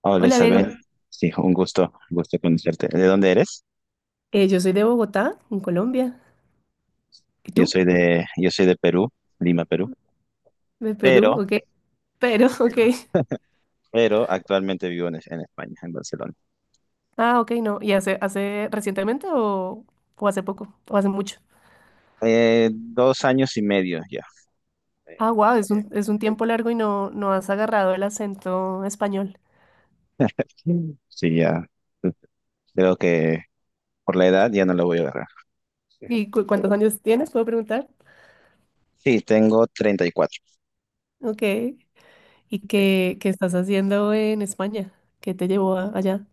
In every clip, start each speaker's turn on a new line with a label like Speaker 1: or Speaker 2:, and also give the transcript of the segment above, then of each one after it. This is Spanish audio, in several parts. Speaker 1: Hola
Speaker 2: Hola Diego,
Speaker 1: Isabel, sí, un gusto conocerte. ¿De dónde eres?
Speaker 2: Yo soy de Bogotá, en Colombia. ¿Y tú?
Speaker 1: Yo soy de Perú, Lima, Perú,
Speaker 2: De Perú,
Speaker 1: pero,
Speaker 2: ok. Pero, ok.
Speaker 1: pero, pero actualmente vivo en España, en Barcelona.
Speaker 2: Ah, ok, no. ¿Y hace recientemente o hace poco? ¿O hace mucho?
Speaker 1: 2 años y medio ya. Eh,
Speaker 2: Ah, wow,
Speaker 1: eh,
Speaker 2: es un tiempo largo y no has agarrado el acento español.
Speaker 1: Sí, ya. Creo que por la edad ya no lo voy a agarrar.
Speaker 2: ¿Y cuántos años tienes? ¿Puedo preguntar?
Speaker 1: Sí, tengo 34.
Speaker 2: Ok. ¿Y qué estás haciendo en España? ¿Qué te llevó allá?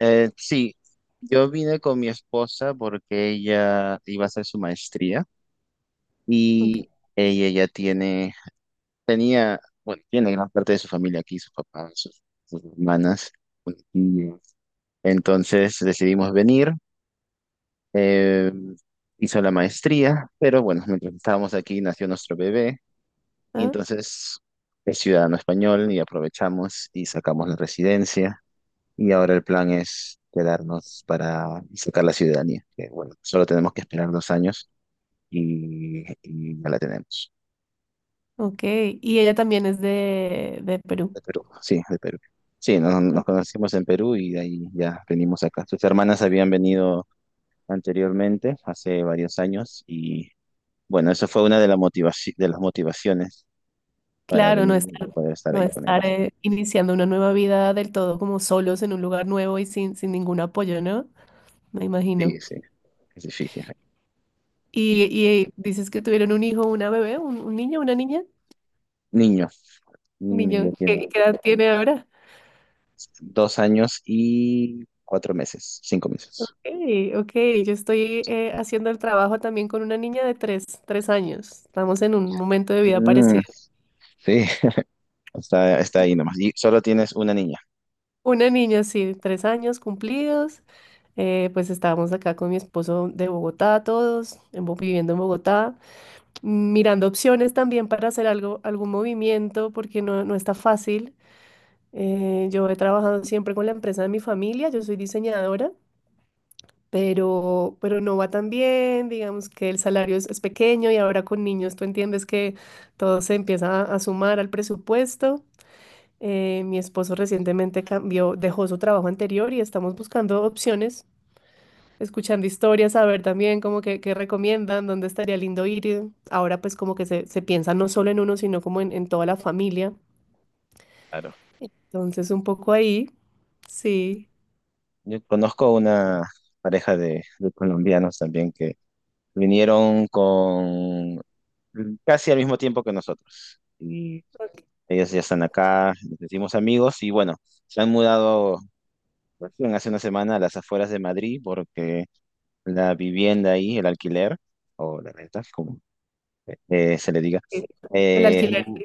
Speaker 1: Sí, yo vine con mi esposa porque ella iba a hacer su maestría
Speaker 2: Ok.
Speaker 1: y ella tiene gran parte de su familia aquí, sus papás, sus hermanas, sus tías. Entonces decidimos venir, eh, hizo la maestría, pero bueno, mientras estábamos aquí nació nuestro bebé, y
Speaker 2: Ah,
Speaker 1: entonces es ciudadano español y aprovechamos y sacamos la residencia, y ahora el plan es quedarnos para sacar la ciudadanía, que bueno, solo tenemos que esperar 2 años y ya la tenemos.
Speaker 2: ok. Y ella también es de Perú.
Speaker 1: De Perú, sí, de Perú. Sí, nos conocimos en Perú y de ahí ya venimos acá. Sus hermanas habían venido anteriormente, hace varios años, y bueno, eso fue una de, la motivaci- de las motivaciones para
Speaker 2: Claro, no
Speaker 1: venir y
Speaker 2: estar,
Speaker 1: poder estar
Speaker 2: no
Speaker 1: ahí con
Speaker 2: estar
Speaker 1: ellas.
Speaker 2: iniciando una nueva vida del todo como solos en un lugar nuevo y sin ningún apoyo, ¿no? Me
Speaker 1: Sí,
Speaker 2: imagino.
Speaker 1: sí, es difícil. Y
Speaker 2: Y dices que tuvieron un hijo, una bebé, un niño, una niña,
Speaker 1: niño,
Speaker 2: un
Speaker 1: niño
Speaker 2: niño.
Speaker 1: ya tiene
Speaker 2: Qué edad tiene ahora?
Speaker 1: 2 años y 4 meses, 5 meses.
Speaker 2: Okay, ok, yo estoy haciendo el trabajo también con una niña de tres años. Estamos en un momento de vida
Speaker 1: Mm,
Speaker 2: parecido.
Speaker 1: sí, está ahí nomás. Y solo tienes una niña,
Speaker 2: Una niña, sí, tres años cumplidos. Pues estábamos acá con mi esposo de Bogotá, todos en viviendo en Bogotá. Mirando opciones también para hacer algo, algún movimiento, porque no está fácil. Yo he trabajado siempre con la empresa de mi familia, yo soy diseñadora, pero no va tan bien, digamos que el salario es pequeño y ahora con niños tú entiendes que todo se empieza a sumar al presupuesto. Mi esposo recientemente cambió, dejó su trabajo anterior y estamos buscando opciones, escuchando historias, a ver también como qué recomiendan, dónde estaría lindo ir. Ahora pues como que se piensa no solo en uno, sino como en toda la familia.
Speaker 1: claro.
Speaker 2: Entonces un poco ahí, sí,
Speaker 1: Yo conozco una pareja de colombianos también que Vinieron con casi al mismo tiempo que nosotros. Y ellos ya están acá, nos hicimos amigos y bueno, se han mudado recién hace una semana a las afueras de Madrid porque la vivienda ahí, el alquiler o la renta, como se le diga,
Speaker 2: eh, el
Speaker 1: eh, es
Speaker 2: alquiler,
Speaker 1: mu-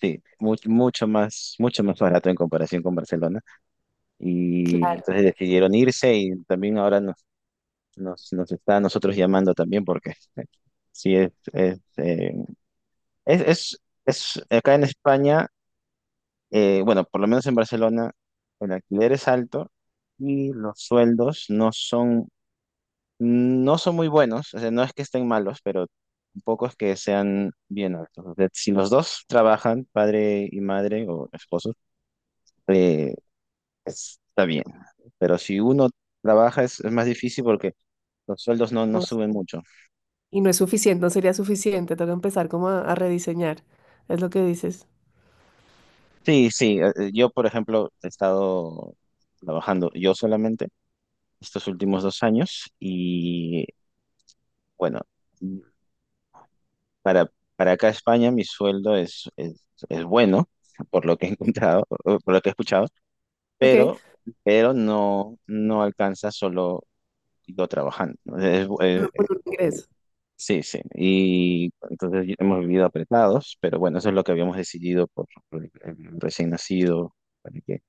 Speaker 1: sí, mucho más barato en comparación con Barcelona. Y
Speaker 2: claro,
Speaker 1: entonces decidieron irse y también ahora nos está a nosotros llamando también porque sí, Es, es, es acá en España, bueno, por lo menos en Barcelona, el alquiler es alto y los sueldos no son muy buenos. O sea, no es que estén malos, pero tampoco es que sean bien altos. O sea, si los dos trabajan, padre y madre o esposos, eh, está bien. Pero si uno trabaja es más difícil porque los sueldos no suben mucho.
Speaker 2: y no es suficiente, no sería suficiente, toca empezar como a rediseñar, es lo que dices.
Speaker 1: Sí, sí. Yo, por ejemplo, he estado trabajando yo solamente estos últimos 2 años y bueno, para acá España mi sueldo es bueno, por lo que he encontrado, o por lo que he escuchado,
Speaker 2: Ok,
Speaker 1: pero, no, alcanza solo yo trabajando, ¿no?
Speaker 2: ingreso.
Speaker 1: Sí, sí, y entonces hemos vivido apretados, pero bueno, eso es lo que habíamos decidido por el recién nacido, para que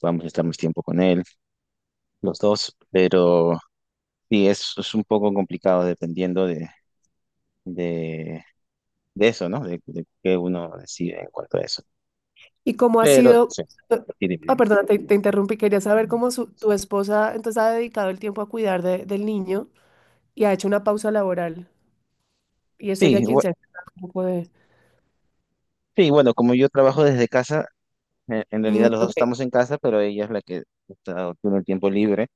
Speaker 1: podamos estar más tiempo con él, los dos, pero sí, es un poco complicado dependiendo de de eso, ¿no? De qué uno decide en cuanto a eso.
Speaker 2: ¿Y cómo ha
Speaker 1: Pero
Speaker 2: sido?
Speaker 1: sí, sí, dime,
Speaker 2: Ah,
Speaker 1: dime.
Speaker 2: perdona, te interrumpí, quería saber cómo tu esposa entonces ha dedicado el tiempo a cuidar del niño y ha hecho una pausa laboral. Y es ella
Speaker 1: Sí,
Speaker 2: quien
Speaker 1: bu-
Speaker 2: se ha encargado un poco de...
Speaker 1: sí, bueno, como yo trabajo desde casa, en
Speaker 2: Mm,
Speaker 1: realidad los dos
Speaker 2: ok.
Speaker 1: estamos en casa, pero ella es la que tiene el tiempo libre.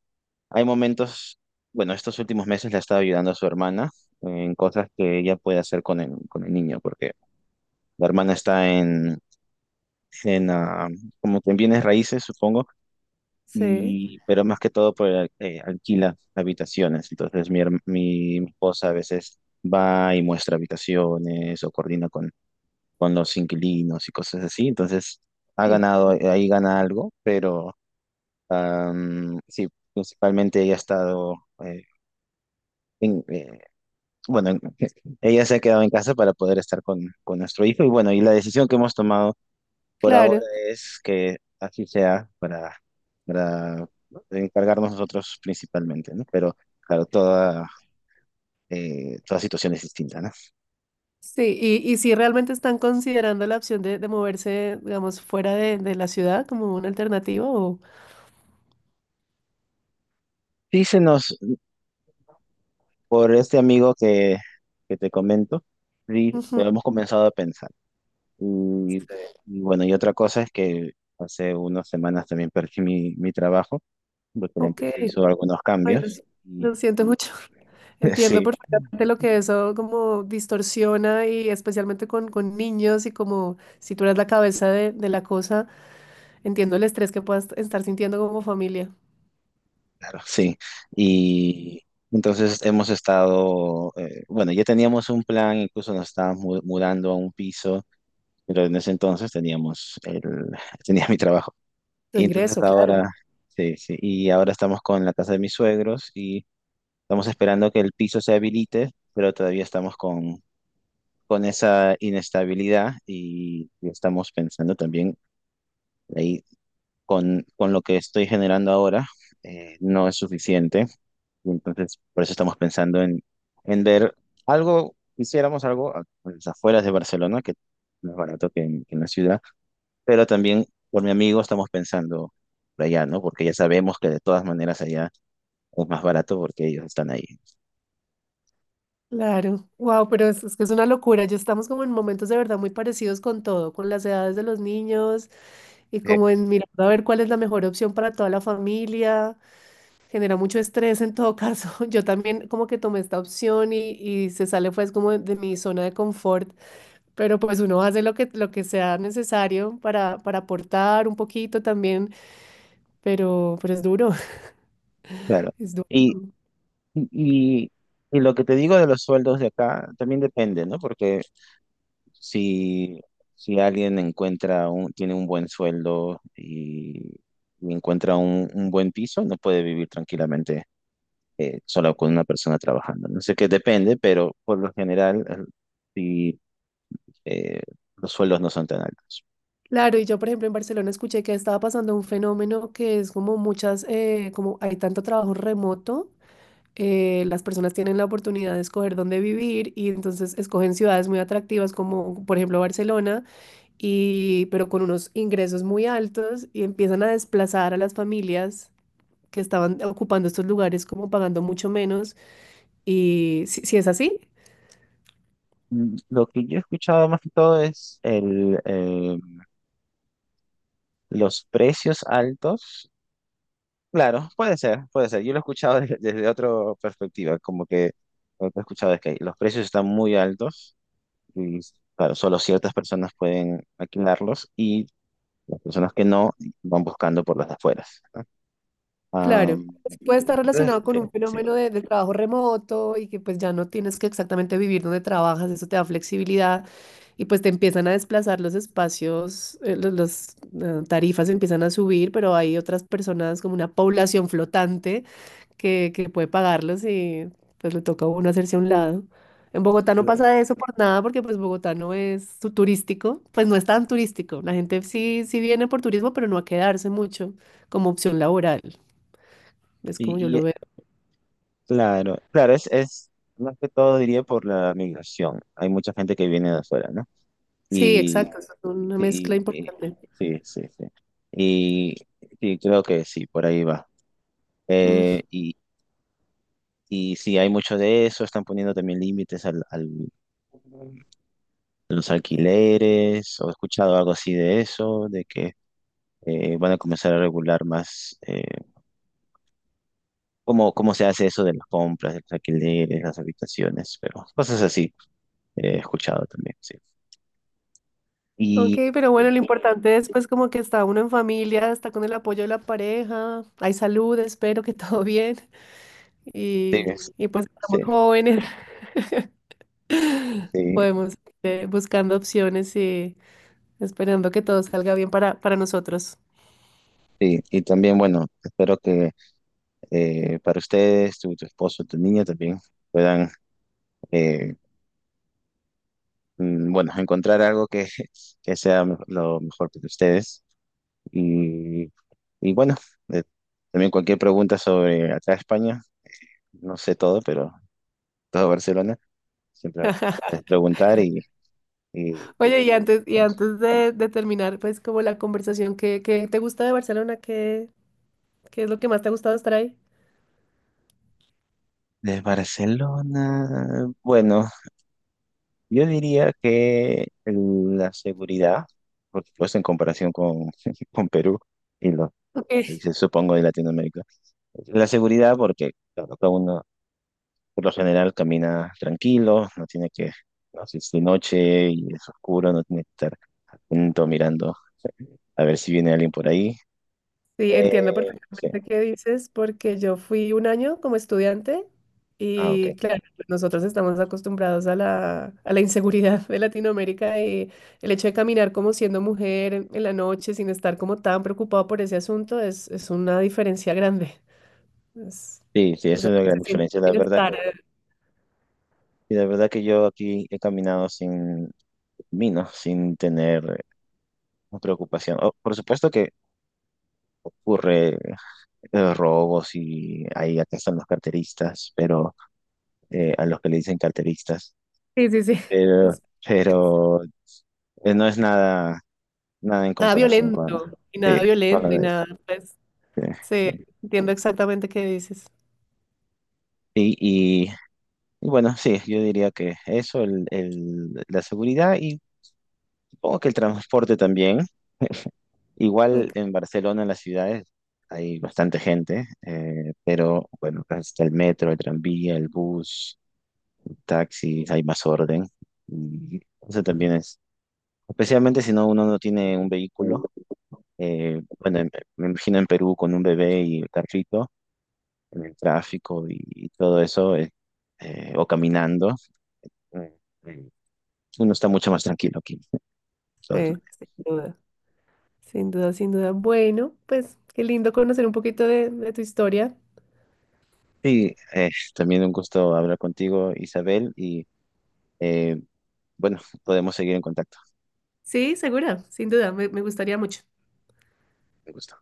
Speaker 1: Hay momentos, bueno, estos últimos meses le ha estado ayudando a su hermana en cosas que ella puede hacer con el, niño, porque la hermana está en, ah, como que en bienes raíces, supongo,
Speaker 2: Sí,
Speaker 1: y, pero más que todo alquila habitaciones. Entonces mi esposa a veces va y muestra habitaciones o coordina con los inquilinos y cosas así. Entonces ha ganado, ahí gana algo, pero sí, principalmente ella ha estado, eh, en- eh, bueno, en- ella se ha quedado en casa para poder estar con nuestro hijo. Y bueno, y la decisión que hemos tomado por ahora
Speaker 2: claro.
Speaker 1: es que así sea para, para encargarnos nosotros principalmente, ¿no? Pero claro, toda, toda situación es distinta, ¿no?
Speaker 2: Sí, y si realmente están considerando la opción de moverse, digamos, fuera de la ciudad como una alternativa o...
Speaker 1: Sí, se nos por este amigo que, te comento, sí, lo
Speaker 2: Ujú,
Speaker 1: hemos comenzado a pensar. Y, y bueno, y otra cosa es que hace unas semanas también perdí mi, trabajo, porque la
Speaker 2: ok.
Speaker 1: empresa hizo algunos
Speaker 2: Ay, lo,
Speaker 1: cambios
Speaker 2: si-
Speaker 1: y
Speaker 2: lo siento mucho. Entiendo
Speaker 1: sí,
Speaker 2: perfectamente lo que eso como distorsiona y especialmente con niños y como si tú eres la cabeza de la cosa, entiendo el estrés que puedas estar sintiendo como familia.
Speaker 1: claro, sí. Y entonces hemos estado, bueno, ya teníamos un plan, incluso nos estábamos mudando a un piso, pero en ese entonces tenía mi trabajo.
Speaker 2: Tu
Speaker 1: Y entonces
Speaker 2: ingreso, claro.
Speaker 1: ahora, sí, sí, y ahora estamos con la casa de mis suegros y estamos esperando que el piso se habilite, pero todavía estamos con esa inestabilidad y estamos pensando también ahí con lo que estoy generando ahora, no es suficiente. Y entonces, por eso estamos pensando en ver algo, hiciéramos algo a las afueras de Barcelona, que no es más barato que en, la ciudad, pero también por mi amigo estamos pensando por allá, ¿no? Porque ya sabemos que de todas maneras allá es más barato porque ellos están ahí.
Speaker 2: Claro, wow, pero es que es una locura. Ya estamos como en momentos de verdad muy parecidos con todo, con las edades de los niños y
Speaker 1: Sí.
Speaker 2: como en mirar a ver cuál es la mejor opción para toda la familia. Genera mucho estrés en todo caso. Yo también como que tomé esta opción y se sale pues como de mi zona de confort, pero pues uno hace lo lo que sea necesario para aportar un poquito también, pero es duro,
Speaker 1: Claro.
Speaker 2: es duro.
Speaker 1: Y, y, y y lo que te digo de los sueldos de acá también depende, ¿no? Porque si, si alguien tiene un buen sueldo y encuentra un buen piso, no puede vivir tranquilamente solo con una persona trabajando. No sé qué depende, pero por lo general sí, eh, los sueldos no son tan altos.
Speaker 2: Claro, y yo, por ejemplo, en Barcelona escuché que estaba pasando un fenómeno que es como muchas, como hay tanto trabajo remoto, las personas tienen la oportunidad de escoger dónde vivir y entonces escogen ciudades muy atractivas como, por ejemplo, Barcelona, y, pero con unos ingresos muy altos y empiezan a desplazar a las familias que estaban ocupando estos lugares como pagando mucho menos. Y si es así.
Speaker 1: Mm, lo que yo he escuchado más que todo es los precios altos. Claro, puede ser, puede ser. Yo lo he escuchado desde, otra perspectiva, como que lo que he escuchado es que los precios están muy altos y, claro, solo ciertas personas pueden alquilarlos y las personas que no van buscando por las afueras, ¿no?
Speaker 2: Claro,
Speaker 1: Am,
Speaker 2: puede
Speaker 1: sí,
Speaker 2: estar
Speaker 1: entonces,
Speaker 2: relacionado con
Speaker 1: sí,
Speaker 2: un
Speaker 1: sí,
Speaker 2: fenómeno de trabajo remoto y que pues ya no tienes que exactamente vivir donde trabajas, eso te da flexibilidad y pues te empiezan a desplazar los espacios, las tarifas empiezan a subir, pero hay otras personas como una población flotante que puede pagarlos y pues le toca a uno hacerse a un lado. En Bogotá no
Speaker 1: claro.
Speaker 2: pasa eso por nada porque pues Bogotá no es turístico, pues no es tan turístico. La gente sí viene por turismo, pero no a quedarse mucho como opción laboral. Es como yo
Speaker 1: Y, y,
Speaker 2: lo
Speaker 1: eh,
Speaker 2: veo.
Speaker 1: claro, claro, es más que todo diría por la migración. Hay mucha gente que viene de afuera, ¿no?
Speaker 2: Sí,
Speaker 1: Y
Speaker 2: exacto, es una mezcla
Speaker 1: sí,
Speaker 2: importante.
Speaker 1: sí, sí, sí. Y sí, creo que sí, por ahí va.
Speaker 2: Mm,
Speaker 1: Eh, y, y sí, hay mucho de eso, están poniendo también límites al, los alquileres, o he escuchado algo así de eso, de que van a comenzar a regular más cómo, se hace eso de las compras, de los alquileres, las habitaciones, pero cosas así he escuchado también, sí.
Speaker 2: ok,
Speaker 1: Y
Speaker 2: pero
Speaker 1: eh,
Speaker 2: bueno, lo importante es pues como que está uno en familia, está con el apoyo de la pareja, hay salud, espero que todo bien
Speaker 1: sí,
Speaker 2: y pues estamos
Speaker 1: sí,
Speaker 2: jóvenes,
Speaker 1: sí,
Speaker 2: podemos ir buscando opciones y esperando que todo salga bien para nosotros.
Speaker 1: sí. Y también, bueno, espero que para ustedes, tu, esposo, tu niña también puedan, eh, bueno, encontrar algo que, sea lo mejor para ustedes. Y, y bueno, eh, también cualquier pregunta sobre acá España, no sé todo, pero todo Barcelona, siempre puedes preguntar y
Speaker 2: Oye, y
Speaker 1: vamos.
Speaker 2: antes de terminar pues como la conversación, qué te gusta de Barcelona? ¿Qué, qué es lo que más te ha gustado estar ahí?
Speaker 1: De Barcelona, bueno, yo diría que la seguridad, por supuesto en comparación con Perú y los
Speaker 2: Ok.
Speaker 1: países, supongo, de Latinoamérica, la seguridad porque claro, cada uno por lo general camina tranquilo, no tiene que, no, si es de noche y es oscuro, no tiene que estar atento mirando a ver si viene alguien por ahí.
Speaker 2: Sí, entiendo
Speaker 1: Sí,
Speaker 2: perfectamente qué dices, porque yo fui un año como estudiante
Speaker 1: ah, ok.
Speaker 2: y claro, pues, nosotros estamos acostumbrados a a la inseguridad de Latinoamérica y el hecho de caminar como siendo mujer en la noche sin estar como tan preocupado por ese asunto es una diferencia grande. Es-
Speaker 1: Sí, sí,
Speaker 2: o
Speaker 1: esa
Speaker 2: sea,
Speaker 1: es la gran
Speaker 2: se siente
Speaker 1: diferencia. La verdad que,
Speaker 2: bienestar. Eh,
Speaker 1: y la verdad que yo aquí he caminado sin tener preocupación. Oh, por supuesto que ocurre robos y ahí acá están los carteristas, pero a los que le dicen carteristas,
Speaker 2: sí, sí, sí.
Speaker 1: pero,
Speaker 2: Es- es
Speaker 1: pero no es nada nada en
Speaker 2: nada
Speaker 1: comparación
Speaker 2: violento y nada
Speaker 1: sí, con la
Speaker 2: violento y
Speaker 1: de sí,
Speaker 2: nada, pues, sí,
Speaker 1: sí.
Speaker 2: entiendo exactamente qué dices.
Speaker 1: Y, y, y bueno, sí, yo diría que eso, la seguridad y supongo que el transporte también. Igual
Speaker 2: Ok,
Speaker 1: en Barcelona, en las ciudades, hay bastante gente, pero bueno, está el metro, el tranvía, el bus, taxis, hay más orden. Y eso también es, especialmente si uno no tiene un vehículo. eh, bueno, me me imagino en Perú con un bebé y un carrito en el tráfico y todo eso, o caminando. eh, eh, Uno está mucho más tranquilo aquí. Entonces,
Speaker 2: sí, sí, sin duda. Sin duda, sin duda. Bueno, pues qué lindo conocer un poquito de tu historia.
Speaker 1: sí, también un gusto hablar contigo, Isabel, y eh, bueno, podemos seguir en contacto.
Speaker 2: Sí, segura, sin duda, me gustaría mucho.
Speaker 1: Un gusto.